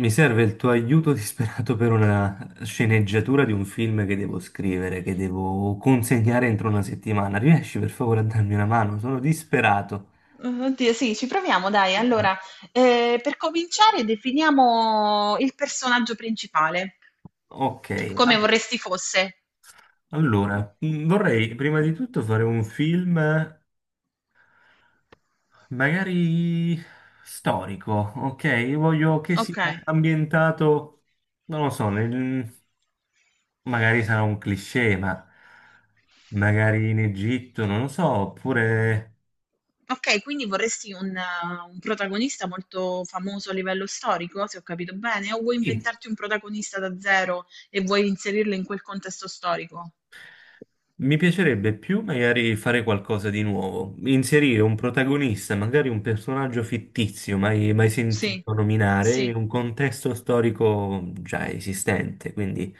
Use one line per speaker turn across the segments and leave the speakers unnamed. Mi serve il tuo aiuto disperato per una sceneggiatura di un film che devo scrivere, che devo consegnare entro una settimana. Riesci per favore a darmi una mano? Sono disperato.
Oddio, sì, ci proviamo, dai. Allora, per cominciare, definiamo il personaggio principale,
Ok,
come
a-
vorresti fosse.
allora, vorrei prima di tutto fare un film magari storico, ok? Voglio che sia
Ok,
ambientato, non lo so, magari sarà un cliché, ma magari in Egitto, non lo so, oppure…
ok, quindi vorresti un un protagonista molto famoso a livello storico, se ho capito bene, o vuoi
Sì,
inventarti un protagonista da zero e vuoi inserirlo in quel contesto storico?
mi piacerebbe più magari fare qualcosa di nuovo, inserire un protagonista, magari un personaggio fittizio, mai
Sì,
sentito nominare, in
sì.
un contesto storico già esistente, quindi…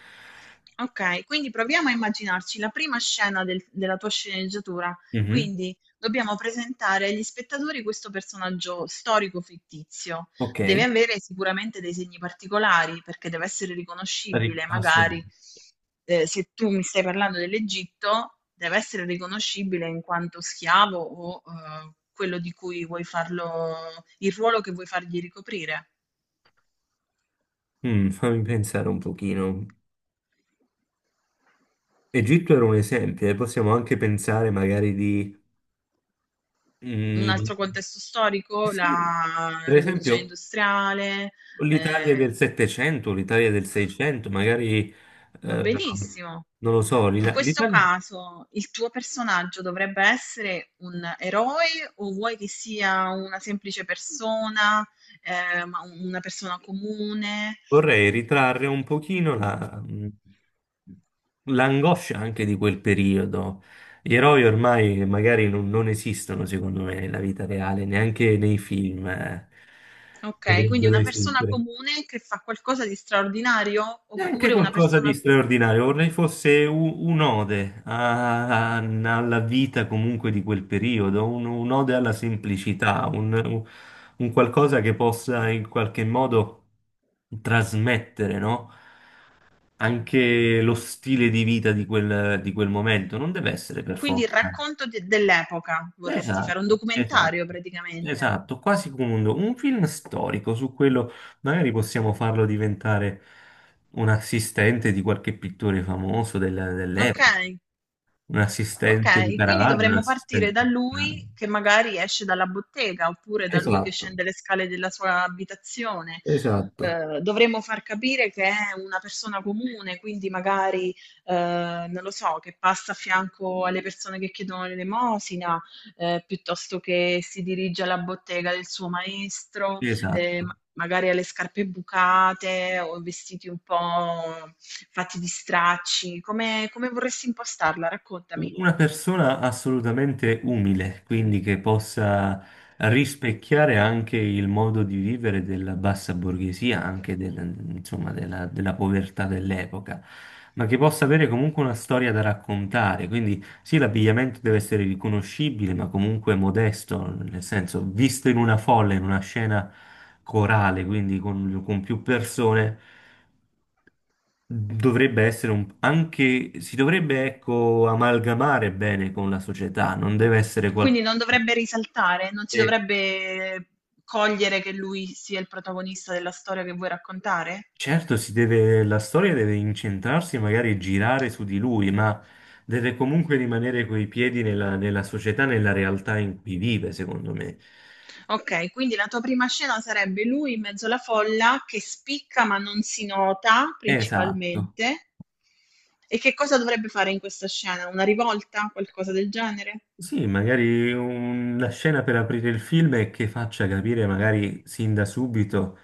Okay, quindi proviamo a immaginarci la prima scena della tua sceneggiatura.
Mhm.
Quindi dobbiamo presentare agli spettatori questo personaggio storico-fittizio.
Ok.
Deve avere sicuramente dei segni particolari, perché deve essere riconoscibile, magari,
Assolutamente.
se tu mi stai parlando dell'Egitto, deve essere riconoscibile in quanto schiavo o, quello di cui vuoi farlo il ruolo che vuoi fargli ricoprire.
Mm, fammi pensare un pochino. Egitto era un esempio, e possiamo anche pensare magari di…
Un
Mm,
altro contesto storico,
sì,
la
per
rivoluzione
esempio…
industriale,
L'Italia
eh,
del Settecento, l'Italia del Seicento, magari,
va
eh,
benissimo.
non lo so,
In questo
l'Italia.
caso il tuo personaggio dovrebbe essere un eroe o vuoi che sia una semplice persona, ma una persona comune?
Vorrei ritrarre un pochino l'angoscia anche di quel periodo. Gli eroi ormai magari non esistono, secondo me, nella vita reale, neanche nei film,
Ok, quindi
dovrebbero
una persona
esistere.
comune che fa qualcosa di straordinario
Neanche
oppure una
qualcosa
persona...
di straordinario, vorrei fosse un'ode alla vita comunque di quel periodo, un'ode alla semplicità, un qualcosa che possa in qualche modo trasmettere, no? Anche lo stile di vita di di quel momento, non deve essere per
Quindi il
forza.
racconto dell'epoca vorresti fare, un
Esatto, esatto,
documentario praticamente.
esatto, quasi come un film storico, su quello magari possiamo farlo diventare un assistente di qualche pittore famoso
Ok.
dell'epoca, un assistente di
Ok, quindi
Caravaggio, un
dovremmo partire
assistente
da
di Piano.
lui che magari esce dalla bottega oppure da lui che
Esatto,
scende le scale della sua abitazione.
esatto,
Dovremmo far capire che è una persona comune, quindi magari, non lo so, che passa a fianco alle persone che chiedono l'elemosina, piuttosto che si dirige alla bottega del suo maestro,
esatto.
magari alle scarpe bucate o vestiti un po' fatti di stracci. Come, come vorresti impostarla? Raccontami.
Una persona assolutamente umile, quindi che possa rispecchiare anche il modo di vivere della bassa borghesia, anche insomma, della povertà dell'epoca, ma che possa avere comunque una storia da raccontare. Quindi sì, l'abbigliamento deve essere riconoscibile, ma comunque modesto, nel senso, visto in una folla, in una scena corale, quindi con più persone. Dovrebbe essere un, anche, si dovrebbe, ecco, amalgamare bene con la società, non deve essere
Quindi non
qualcuno.
dovrebbe risaltare, non si
E
dovrebbe cogliere che lui sia il protagonista della storia che vuoi raccontare?
certo, si deve, la storia deve incentrarsi, magari girare su di lui, ma deve comunque rimanere coi piedi nella società, nella realtà in cui vive, secondo me.
Ok, quindi la tua prima scena sarebbe lui in mezzo alla folla che spicca ma non si nota
Esatto.
principalmente. E che cosa dovrebbe fare in questa scena? Una rivolta? Qualcosa del genere?
Sì, magari una scena per aprire il film e che faccia capire magari sin da subito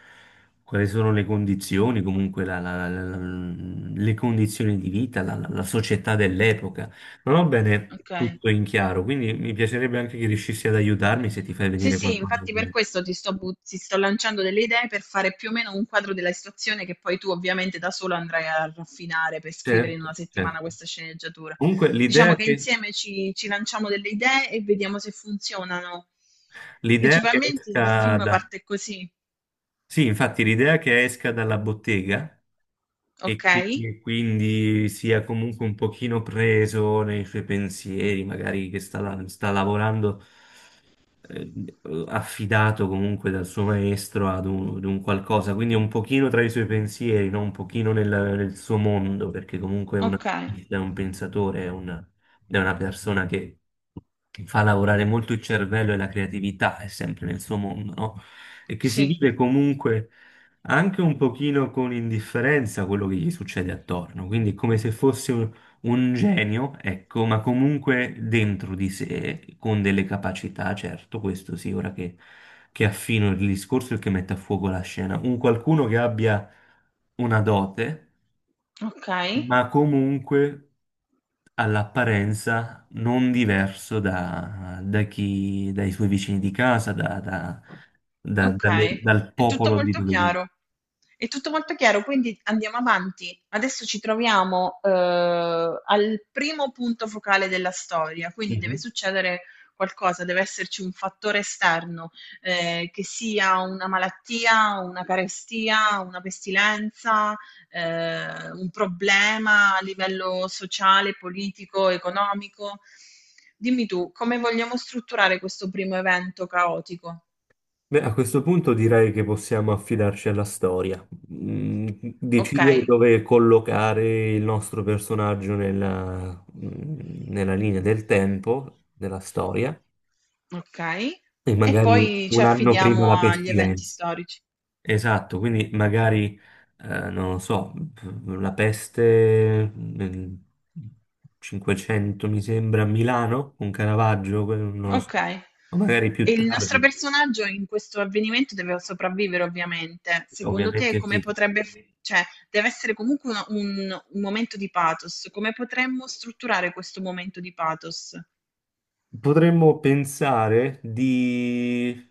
quali sono le condizioni, comunque le condizioni di vita, la società dell'epoca. Non ho bene
Ok.
tutto in chiaro, quindi mi piacerebbe anche che riuscissi ad aiutarmi se ti fai
Sì,
venire
sì,
qualcosa in
infatti per
mente.
questo ti sto, ti sto lanciando delle idee per fare più o meno un quadro della situazione che poi tu ovviamente da solo andrai a raffinare per scrivere in una
Certo,
settimana
certo.
questa sceneggiatura.
Comunque
Diciamo che insieme ci lanciamo delle idee e vediamo se funzionano.
l'idea che
Principalmente il
esca
film
da…
parte così,
Sì, infatti l'idea che esca dalla bottega e
ok?
che quindi sia comunque un pochino preso nei suoi pensieri, magari che sta lavorando eh, affidato comunque dal suo maestro ad ad un qualcosa, quindi è un pochino tra i suoi pensieri, no? Un pochino nel suo mondo, perché comunque è un
Ok,
artista, è un pensatore, è una persona che fa lavorare molto il cervello e la creatività, è sempre nel suo mondo, no? E che si
sì,
vive comunque anche un pochino con indifferenza quello che gli succede attorno, quindi è come se fosse un genio, ecco, ma comunque dentro di sé, con delle capacità, certo, questo sì, ora che affino il discorso e che mette a fuoco la scena. Un qualcuno che abbia una dote,
ok.
ma comunque all'apparenza non diverso da chi, dai suoi vicini di casa,
Ok,
dal
è tutto
popolo di
molto
dove
chiaro. È tutto molto chiaro, quindi andiamo avanti. Adesso ci troviamo al primo punto focale della storia, quindi deve
vive.
succedere qualcosa, deve esserci un fattore esterno, che sia una malattia, una carestia, una pestilenza, un problema a livello sociale, politico, economico. Dimmi tu, come vogliamo strutturare questo primo evento caotico?
Beh, a questo punto direi che possiamo affidarci alla storia. Mm,
Ok,
decidere dove collocare il nostro personaggio nella linea del tempo, della storia,
okay.
e
E
magari
poi ci
un anno prima
affidiamo
la
agli eventi
pestilenza.
storici.
Esatto, quindi magari, non lo so, la peste nel 500 mi sembra a Milano, con Caravaggio, non lo so,
Okay.
o magari
E
più
il nostro
tardi,
personaggio in questo avvenimento deve sopravvivere ovviamente. Secondo te
ovviamente
come
sì.
potrebbe f cioè deve essere comunque una un momento di pathos. Come potremmo strutturare questo momento di pathos?
Potremmo pensare di…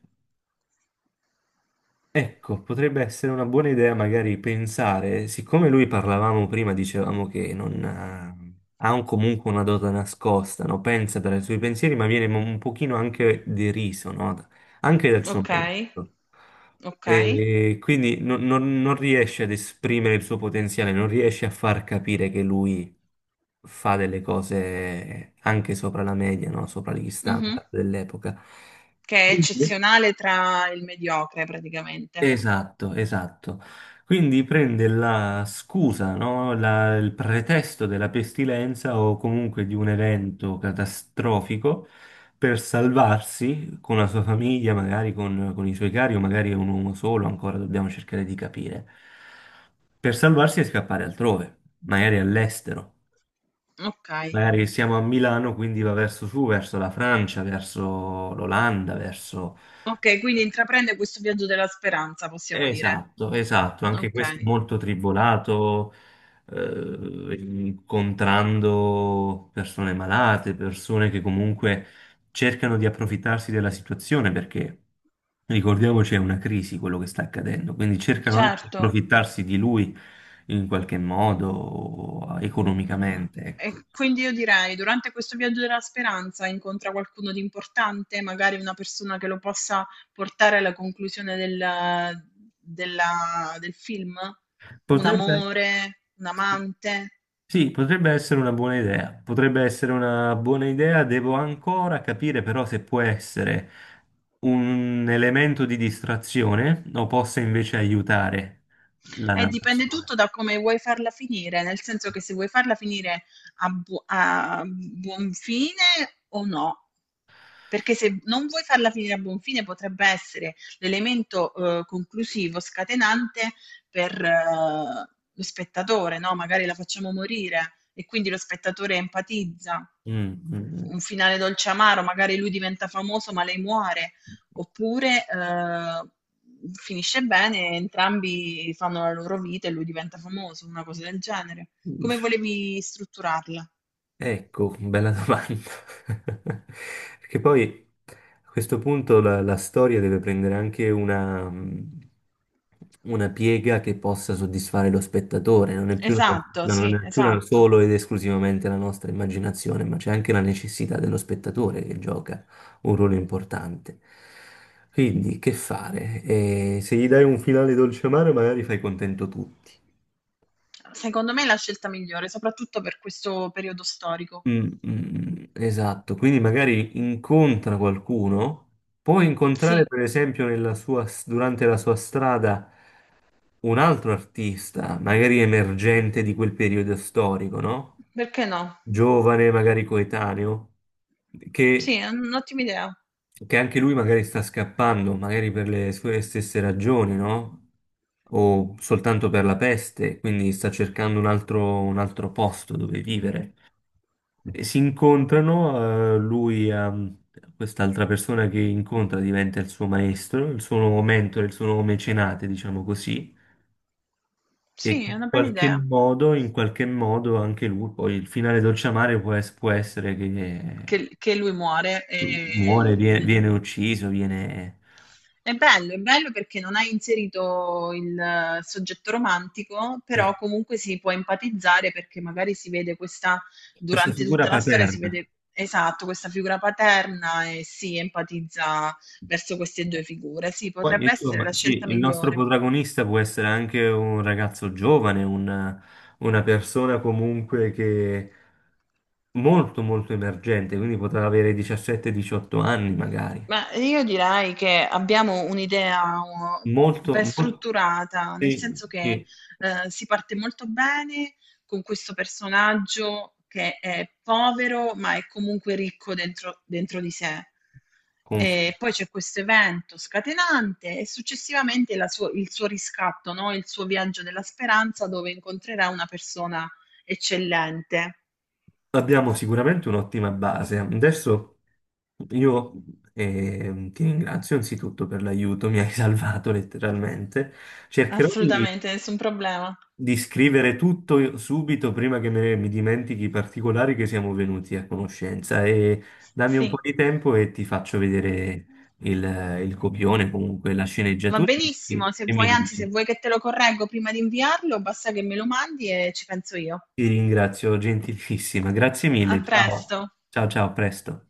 Ecco, potrebbe essere una buona idea magari pensare, siccome lui parlavamo prima, dicevamo che non ha, ha comunque una dote nascosta, no? Pensa per i suoi pensieri, ma viene un pochino anche deriso, no? Anche dal suo
Okay,
maestro.
okay.
E quindi non riesce ad esprimere il suo potenziale, non riesce a far capire che lui fa delle cose anche sopra la media, no? Sopra gli
Mh-mh.
standard dell'epoca.
Che è eccezionale tra il mediocre praticamente.
Esatto, esatto. Quindi prende la scusa, no? Il pretesto della pestilenza o comunque di un evento catastrofico per salvarsi con la sua famiglia, magari con i suoi cari, o magari è un uomo solo, ancora dobbiamo cercare di capire. Per salvarsi e scappare altrove, magari all'estero.
Okay.
Magari siamo a Milano, quindi va verso su, verso la Francia, verso l'Olanda, verso…
Okay, quindi intraprende questo viaggio della speranza, possiamo dire.
Esatto, esatto, anche questo
Okay.
molto tribolato, incontrando persone malate, persone che comunque cercano di approfittarsi della situazione perché ricordiamoci è una crisi quello che sta accadendo, quindi cercano anche di
Certo.
approfittarsi di lui in qualche modo
Mhmm,
economicamente, ecco.
e quindi io direi: durante questo viaggio della speranza incontra qualcuno di importante, magari una persona che lo possa portare alla conclusione del film? Un
Potrebbe…
amore, un
sì.
amante?
Sì, potrebbe essere una buona idea, potrebbe essere una buona idea, devo ancora capire però se può essere un elemento di distrazione o possa invece aiutare la
Dipende
narrazione.
tutto da come vuoi farla finire, nel senso che se vuoi farla finire a buon fine o no. Perché se non vuoi farla finire a buon fine potrebbe essere l'elemento conclusivo, scatenante per lo spettatore, no? Magari la facciamo morire e quindi lo spettatore empatizza.
Mm, mm,
Un finale dolce amaro, magari lui diventa famoso ma lei muore. Oppure, finisce bene, entrambi fanno la loro vita e lui diventa famoso, una cosa del genere. Come
mm.
volevi strutturarla?
Ecco, bella domanda. Perché poi a questo punto la storia deve prendere anche una piega che possa soddisfare lo spettatore, non è più
Esatto,
no, non
sì,
è più
esatto.
solo ed esclusivamente la nostra immaginazione, ma c'è anche la necessità dello spettatore che gioca un ruolo importante. Quindi, che fare? Se gli dai un finale dolce amaro, magari fai contento tutti.
Secondo me è la scelta migliore, soprattutto per questo periodo storico.
Mm, mm, mm. Esatto, quindi magari incontra qualcuno, può incontrare
Sì,
per esempio nella sua, durante la sua strada un altro artista, magari emergente di quel periodo storico, no?
perché no?
Giovane, magari coetaneo,
Sì,
che,
è un'ottima idea.
che anche lui magari sta scappando, magari per le sue stesse ragioni, no? O soltanto per la peste, quindi sta cercando un altro posto dove vivere. E si incontrano, lui ha quest'altra persona che incontra diventa il suo maestro, il suo nuovo mentore, il suo nuovo mecenate, diciamo così, e
Sì,
che
è una bella idea.
in qualche modo anche lui, poi il finale dolciamare può, può essere che
Che lui muore
muore,
e il-
viene ucciso, viene…
È bello perché non hai inserito il soggetto romantico,
eh,
però comunque si può empatizzare perché magari si vede questa,
questa
durante
figura
tutta la storia si
paterna.
vede esatto questa figura paterna e si empatizza verso queste due figure. Sì,
Poi,
potrebbe essere
insomma,
la scelta
sì, il nostro
migliore.
protagonista può essere anche un ragazzo giovane, una persona comunque che molto molto emergente, quindi poteva avere 17-18 anni magari.
Ma io direi che abbiamo un'idea uh,
Molto,
ben
molto…
strutturata, nel
Sì,
senso che
sì,
si parte molto bene con questo personaggio che è povero ma è comunque ricco dentro, dentro di sé.
confermo.
E poi c'è questo evento scatenante e successivamente il suo riscatto, no? Il suo viaggio della speranza dove incontrerà una persona eccellente.
Abbiamo sicuramente un'ottima base. Adesso io ti ringrazio anzitutto per l'aiuto, mi hai salvato letteralmente. Cercherò
Assolutamente, nessun problema.
di scrivere tutto subito prima che mi dimentichi i particolari che siamo venuti a conoscenza e dammi un po'
Sì.
di tempo e ti faccio vedere il, il copione, comunque la
Va
sceneggiatura
benissimo, se
e mi
vuoi, anzi, se
dici.
vuoi che te lo correggo prima di inviarlo, basta che me lo mandi e ci penso io.
Ti ringrazio gentilissima, grazie
A
mille, ciao,
presto.
ciao, ciao, a presto.